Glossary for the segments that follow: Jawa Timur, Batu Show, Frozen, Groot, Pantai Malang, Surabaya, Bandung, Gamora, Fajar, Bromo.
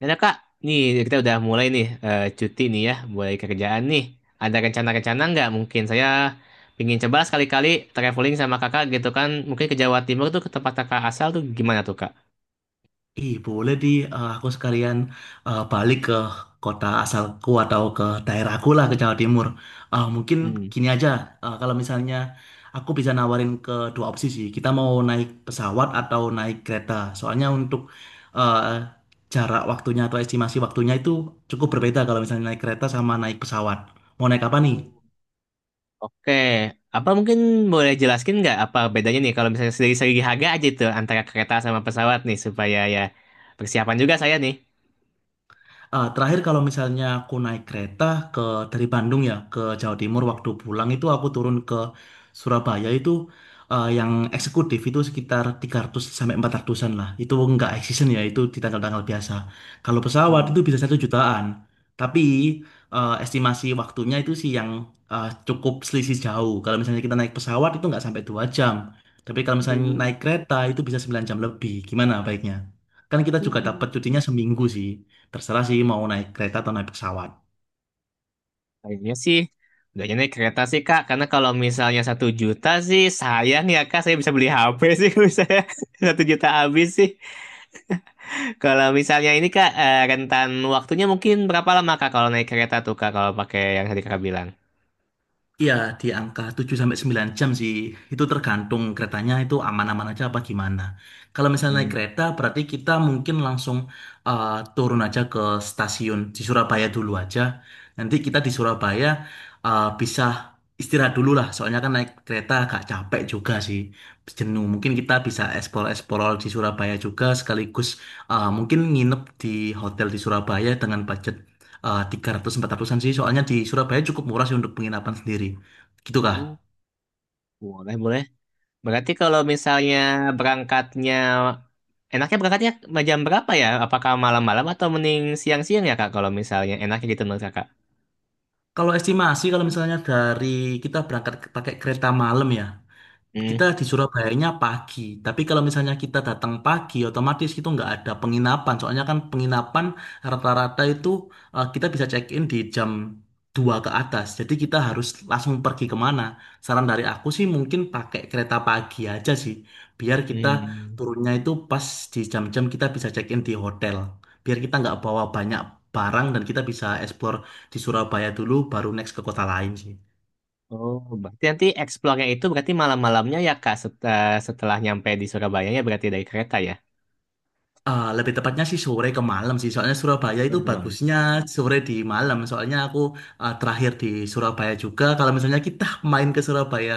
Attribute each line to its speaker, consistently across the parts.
Speaker 1: Dan ya, Kak, nih kita udah mulai nih cuti nih ya, mulai kerjaan nih. Ada rencana-rencana nggak? Mungkin saya pingin coba sekali-kali traveling sama kakak gitu kan. Mungkin ke Jawa Timur tuh ke tempat kakak asal tuh gimana tuh Kak?
Speaker 2: Ih, boleh di aku sekalian balik ke kota asalku atau ke daerahku lah ke Jawa Timur. Mungkin
Speaker 1: Hmm.
Speaker 2: gini aja, kalau misalnya aku bisa nawarin ke dua opsi sih. Kita mau naik pesawat atau naik kereta. Soalnya untuk eh, jarak waktunya atau estimasi waktunya itu cukup berbeda kalau misalnya naik kereta sama naik pesawat. Mau naik apa nih?
Speaker 1: Oke, apa mungkin boleh jelaskin nggak apa bedanya nih kalau misalnya dari segi harga aja tuh antara kereta sama pesawat nih supaya ya persiapan juga saya nih.
Speaker 2: Terakhir kalau misalnya aku naik kereta ke dari Bandung ya ke Jawa Timur waktu pulang itu aku turun ke Surabaya itu yang eksekutif itu sekitar 300 sampai 400-an lah. Itu nggak high season ya, itu di tanggal-tanggal biasa. Kalau pesawat
Speaker 1: Hmm.
Speaker 2: itu bisa 1 jutaan. Tapi estimasi waktunya itu sih yang cukup selisih jauh. Kalau misalnya kita naik pesawat itu nggak sampai 2 jam. Tapi kalau misalnya naik kereta itu bisa 9 jam lebih. Gimana baiknya? Kan kita juga
Speaker 1: Hmm.
Speaker 2: dapat cutinya seminggu sih. Terserah sih mau naik kereta atau naik pesawat.
Speaker 1: Kayaknya sih nggak naik kereta sih kak, karena kalau misalnya satu juta sih sayang ya kak, saya bisa beli HP sih misalnya satu juta habis sih. Kalau misalnya ini kak rentan waktunya mungkin berapa lama kak kalau naik kereta tuh kak kalau pakai yang tadi kakak bilang?
Speaker 2: Iya, di angka 7 sampai 9 jam sih. Itu tergantung keretanya itu aman-aman aja apa gimana. Kalau misalnya naik
Speaker 1: Hmm.
Speaker 2: kereta berarti kita mungkin langsung eh, turun aja ke stasiun di Surabaya dulu aja. Nanti kita di Surabaya bisa istirahat dulu lah. Soalnya kan naik kereta agak capek juga sih. Jenuh. Mungkin kita bisa eksplor-eksplor di Surabaya juga sekaligus mungkin nginep di hotel di Surabaya dengan budget 300 400-an sih, soalnya di Surabaya cukup murah sih untuk penginapan sendiri gitu kah.
Speaker 1: Oh, boleh boleh. Berarti kalau misalnya berangkatnya enaknya berangkatnya jam berapa ya? Apakah malam-malam atau mending siang-siang ya kak? Kalau misalnya enaknya gitu menurut kakak?
Speaker 2: Kalau estimasi kalau misalnya dari kita berangkat pakai kereta malam ya. Kita
Speaker 1: Hmm.
Speaker 2: di Surabayanya pagi, tapi kalau misalnya kita datang pagi, otomatis itu nggak ada penginapan. Soalnya kan penginapan rata-rata itu kita bisa check-in di pukul 2 ke atas. Jadi kita harus langsung pergi kemana. Saran dari aku sih mungkin pakai kereta pagi aja sih, biar kita
Speaker 1: Hmm.
Speaker 2: turunnya itu pas di jam-jam kita bisa check-in di hotel. Biar kita nggak bawa banyak barang dan kita bisa explore di Surabaya dulu, baru next ke kota lain sih.
Speaker 1: Oh, berarti nanti explore itu berarti malam-malamnya ya Kak setelah nyampe di Surabaya ya berarti dari kereta ya.
Speaker 2: Lebih tepatnya sih sore ke malam sih. Soalnya Surabaya itu
Speaker 1: Baru malam.
Speaker 2: bagusnya sore di malam. Soalnya aku terakhir di Surabaya juga. Kalau misalnya kita main ke Surabaya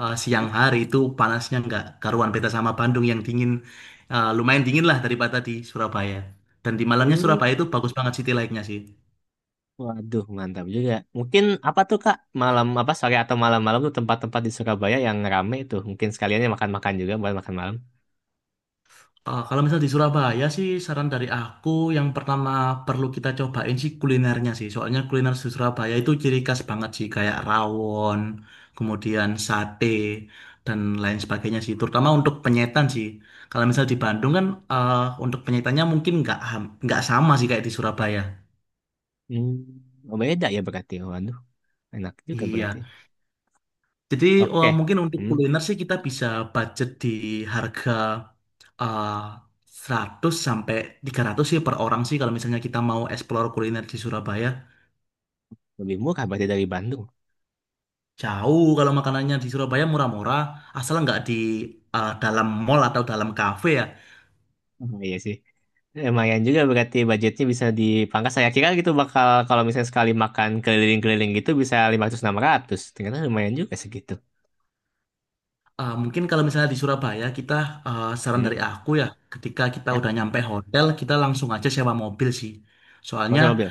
Speaker 2: siang hari itu panasnya nggak karuan, beda sama Bandung yang dingin. Lumayan dingin lah daripada di Surabaya. Dan di malamnya
Speaker 1: Uh,
Speaker 2: Surabaya itu bagus banget city light-nya sih.
Speaker 1: waduh mantap juga. Mungkin apa tuh Kak malam apa sore atau malam-malam tuh tempat-tempat di Surabaya yang rame tuh. Mungkin sekaliannya makan-makan juga buat makan malam.
Speaker 2: Kalau misal di Surabaya sih saran dari aku yang pertama perlu kita cobain sih kulinernya sih. Soalnya kuliner di Surabaya itu ciri khas banget sih, kayak rawon, kemudian sate dan lain sebagainya sih. Terutama untuk penyetan sih. Kalau misal di Bandung kan eh, untuk penyetannya mungkin nggak sama sih kayak di Surabaya.
Speaker 1: Hmm, oh, beda ya berarti. Waduh, enak juga berarti.
Speaker 2: Iya. Jadi
Speaker 1: Oke.
Speaker 2: mungkin untuk
Speaker 1: Hmm,
Speaker 2: kuliner sih kita bisa budget di harga eh, 100 sampai 300 sih per orang sih kalau misalnya kita mau explore kuliner di Surabaya.
Speaker 1: lebih murah berarti dari Bandung.
Speaker 2: Jauh, kalau makanannya di Surabaya murah-murah, asal nggak di dalam mall atau dalam kafe ya.
Speaker 1: Oh, iya sih. Lumayan juga berarti budgetnya bisa dipangkas. Saya kira gitu bakal kalau misalnya sekali makan keliling-keliling gitu bisa lima ratus enam ratus. Ternyata lumayan juga segitu.
Speaker 2: Mungkin kalau misalnya di Surabaya kita saran
Speaker 1: Hmm.
Speaker 2: dari aku ya, ketika kita
Speaker 1: Ya,
Speaker 2: udah nyampe hotel kita langsung aja sewa mobil sih.
Speaker 1: mau
Speaker 2: Soalnya,
Speaker 1: sama mobil.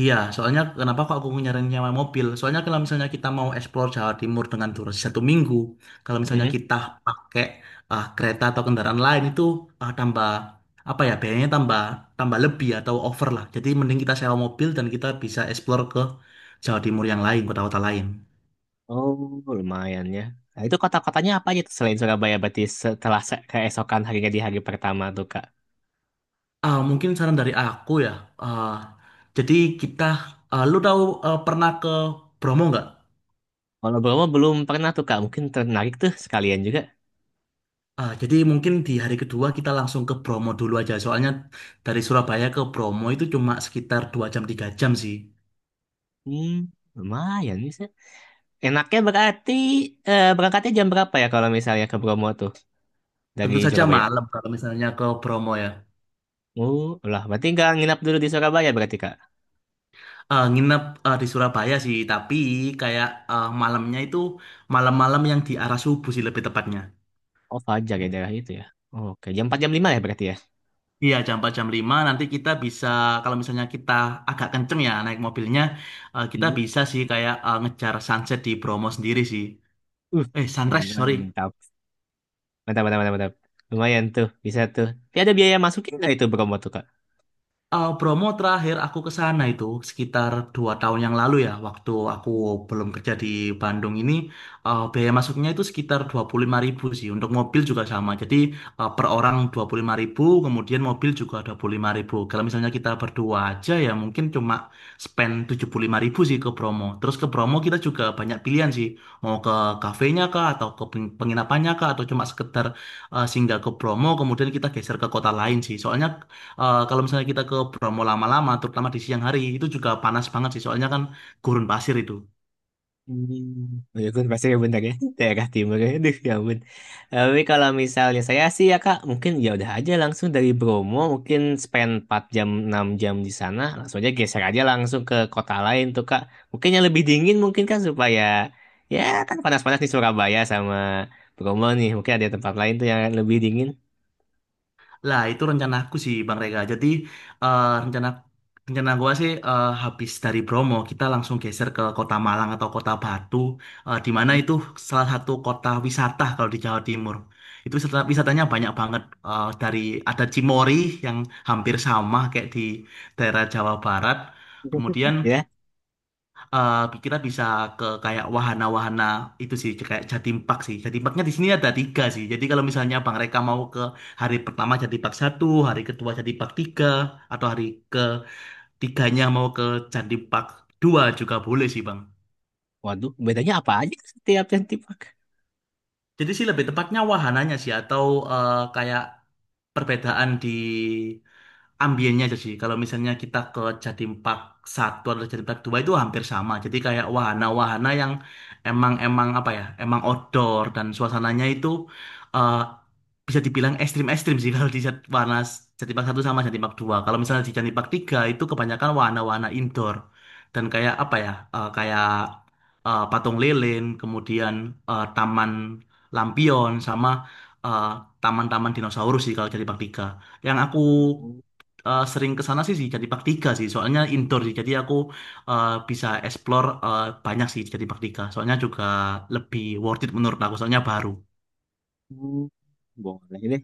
Speaker 2: iya, soalnya kenapa kok aku nyaranin nyewa mobil? Soalnya kalau misalnya kita mau explore Jawa Timur dengan durasi 1 minggu, kalau misalnya
Speaker 1: Hmm.
Speaker 2: kita pakai kereta atau kendaraan lain itu tambah apa ya, biayanya tambah tambah lebih atau over lah. Jadi mending kita sewa mobil dan kita bisa explore ke Jawa Timur yang lain, kota-kota lain.
Speaker 1: Oh, lumayan ya. Nah, itu kota-kotanya apa aja tuh selain Surabaya berarti setelah keesokan harinya di hari pertama tuh, Kak?
Speaker 2: Mungkin saran dari aku ya. ah, jadi kita, lu tahu pernah ke Bromo nggak?
Speaker 1: Kalau Bromo belum pernah tuh, Kak. Mungkin tertarik tuh sekalian juga.
Speaker 2: Jadi mungkin di hari kedua kita langsung ke Bromo dulu aja. Soalnya dari Surabaya ke Bromo itu cuma sekitar 2 jam 3 jam sih.
Speaker 1: Hmm, lumayan bisa. Enaknya berarti berangkatnya jam berapa ya kalau misalnya ke Bromo tuh dari
Speaker 2: Tentu saja
Speaker 1: Surabaya?
Speaker 2: malam kalau misalnya ke Bromo ya.
Speaker 1: Oh, lah berarti nggak nginap dulu di Surabaya berarti Kak.
Speaker 2: Nginep di Surabaya sih, tapi kayak malamnya itu malam-malam yang di arah subuh sih lebih tepatnya.
Speaker 1: Oh, Fajar ya daerah itu ya. Oke, jam 4 jam 5 ya berarti ya.
Speaker 2: Iya, pukul 4 pukul 5. Nanti kita bisa kalau misalnya kita agak kenceng ya naik mobilnya, kita
Speaker 1: Mhm.
Speaker 2: bisa sih kayak ngejar sunset di Bromo sendiri sih.
Speaker 1: Uh,
Speaker 2: Eh, sunrise,
Speaker 1: enak,
Speaker 2: sorry.
Speaker 1: mantap. Mantap, mantap, mantap, mantap. Lumayan tuh, bisa tuh. Tapi ada biaya masukin nggak itu promo tuh Kak?
Speaker 2: Eh, Bromo terakhir aku ke sana itu sekitar 2 tahun yang lalu ya, waktu aku belum kerja di Bandung ini, biaya masuknya itu sekitar 25 ribu sih, untuk mobil juga sama. Jadi per orang 25 ribu, kemudian mobil juga 25 ribu. Kalau misalnya kita berdua aja ya mungkin cuma spend 75 ribu sih ke Bromo. Terus ke Bromo kita juga banyak pilihan sih, mau ke kafenya kah, atau ke penginapannya kah, atau cuma sekedar singgah ke Bromo, kemudian kita geser ke kota lain sih. Soalnya, eh, kalau misalnya kita ke Bromo lama-lama, terutama di siang hari, itu juga panas banget sih. Soalnya kan gurun pasir itu.
Speaker 1: Hmm, oh ya kan pasti ya bentar ya daerah timur ya aduh ya ampun, tapi kalau misalnya saya sih ya kak mungkin ya udah aja langsung dari Bromo mungkin spend 4 jam 6 jam di sana langsung aja geser aja langsung ke kota lain tuh kak, mungkin yang lebih dingin mungkin kan supaya ya kan panas-panas di Surabaya sama Bromo nih mungkin ada tempat lain tuh yang lebih dingin.
Speaker 2: Lah, itu rencana aku sih, Bang Rega. Jadi, rencana rencana gua sih, habis dari Bromo, kita langsung geser ke Kota Malang atau Kota Batu, di mana itu salah satu kota wisata kalau di Jawa Timur. Itu wisata- wisatanya banyak banget. Eh, dari ada Cimory yang hampir sama kayak di daerah Jawa Barat. Kemudian
Speaker 1: Ya,
Speaker 2: kita bisa ke kayak wahana-wahana itu sih kayak Jatim Park sih. Jatim Parknya di sini ada tiga sih. Jadi kalau misalnya Bang Reka mau ke hari pertama Jatim Park satu, hari kedua Jatim Park tiga, atau hari ketiganya mau ke Jatim Park dua juga boleh sih Bang.
Speaker 1: waduh bedanya apa aja setiap yang tipe.
Speaker 2: Jadi sih lebih tepatnya wahananya sih atau kayak perbedaan di ambiennya aja sih. Kalau misalnya kita ke Jatim Park Satu atau Jatim Park 2 itu hampir sama. Jadi kayak wahana-wahana yang emang emang apa ya? Emang outdoor dan suasananya itu eh, bisa dibilang ekstrim-ekstrim sih kalau di wahana Jatim Park Satu sama Jatim Park 2. Kalau misalnya di Jatim Park 3 itu kebanyakan wahana-wahana indoor dan kayak apa ya? Kayak patung lilin, kemudian taman lampion sama eh, taman-taman dinosaurus sih kalau Jatim Park 3. Yang aku sering ke sana sih sih jadi praktika sih, soalnya indoor sih. Jadi aku bisa explore banyak sih jadi praktika. Soalnya juga lebih worth it menurut aku, soalnya baru.
Speaker 1: Hmm, boleh.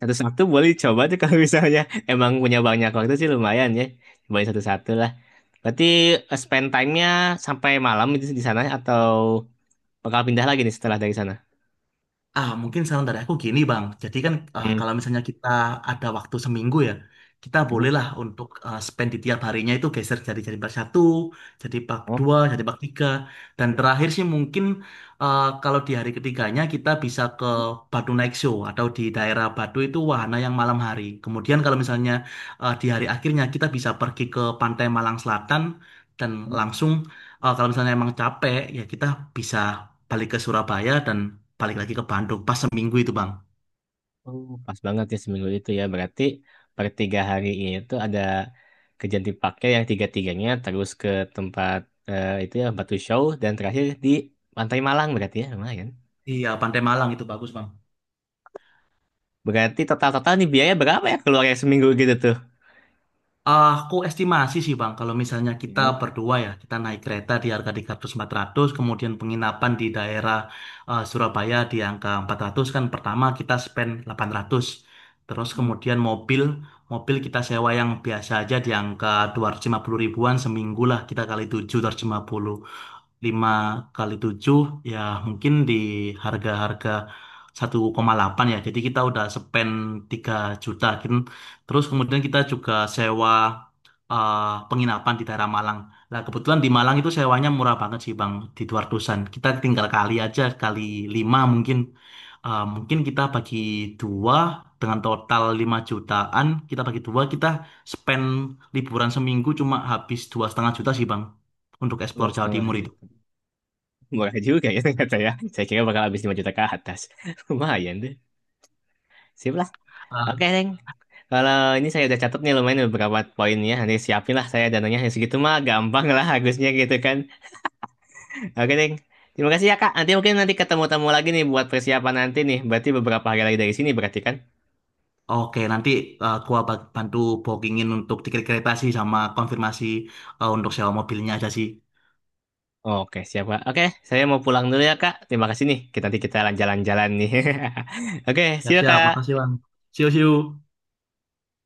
Speaker 1: Satu satu boleh coba tuh kalau misalnya emang punya banyak waktu sih lumayan ya. Cobain satu-satu lah. Berarti spend time-nya sampai malam itu di sana atau bakal pindah lagi nih setelah dari sana?
Speaker 2: Mungkin saran dari aku gini, Bang. Jadi kan
Speaker 1: Hmm.
Speaker 2: kalau misalnya kita ada waktu seminggu ya, kita
Speaker 1: Hmm.
Speaker 2: bolehlah untuk spend di tiap harinya itu geser, jadi bak satu, jadi bak
Speaker 1: Oh,
Speaker 2: dua, jadi bak tiga, dan terakhir sih mungkin kalau di hari ketiganya kita bisa ke Batu Night Show atau di daerah Batu itu wahana yang malam hari. Kemudian kalau misalnya di hari akhirnya kita bisa pergi ke Pantai Malang Selatan dan
Speaker 1: hmm.
Speaker 2: langsung kalau misalnya emang capek ya kita bisa balik ke Surabaya dan balik lagi ke Bandung pas seminggu itu bang.
Speaker 1: Oh, pas banget ya seminggu itu ya. Berarti per tiga hari ini tuh ada kerjaan dipakai yang tiga-tiganya terus ke tempat itu ya Batu Show dan terakhir di Pantai Malang berarti ya lumayan.
Speaker 2: Iya, Pantai Malang itu bagus bang.
Speaker 1: Berarti total-total nih biaya berapa ya keluarnya seminggu gitu tuh?
Speaker 2: Aku estimasi sih bang kalau misalnya kita berdua ya, kita naik kereta di harga 300-400, kemudian penginapan di daerah Surabaya di angka 400, kan pertama kita spend 800, terus
Speaker 1: Hmm.
Speaker 2: kemudian mobil mobil kita sewa yang biasa aja di angka 250 ribuan seminggu lah, kita kali 7, 250 5 kali 7 ya, mungkin di harga-harga 1,8 ya. Jadi kita udah spend 3 juta. Kin- terus kemudian kita juga sewa eh, penginapan di daerah Malang. Nah, kebetulan di Malang itu sewanya murah banget sih, Bang, di 200-an. Kita tinggal kali aja kali 5 mungkin. Eh, mungkin kita bagi dua dengan total 5 jutaan, kita bagi dua kita spend liburan seminggu cuma habis 2,5 juta sih, Bang, untuk
Speaker 1: Dua
Speaker 2: explore Jawa
Speaker 1: setengah
Speaker 2: Timur itu.
Speaker 1: juta. Murah juga ya ternyata ya. Saya kira bakal habis 5 juta ke atas. Lumayan deh. Sip lah. Oke, Neng. Kalau ini saya udah catat nih lumayan beberapa poinnya. Nanti siapin lah saya dananya. Ya, segitu mah gampang lah harusnya gitu kan. Oke, Neng. Terima kasih ya, Kak. Nanti mungkin nanti ketemu-temu lagi nih buat persiapan nanti nih. Berarti beberapa hari lagi dari sini berarti kan?
Speaker 2: Oke, nanti gua bantu bookingin untuk tiket kereta sih sama konfirmasi untuk sewa mobilnya aja sih.
Speaker 1: Oke, siap, Kak. Oke, saya mau pulang dulu ya, Kak. Terima kasih nih. Kita nanti kita jalan-jalan nih. Oke, see you,
Speaker 2: Siap-siap, makasih
Speaker 1: Kak.
Speaker 2: Bang. See you, see you.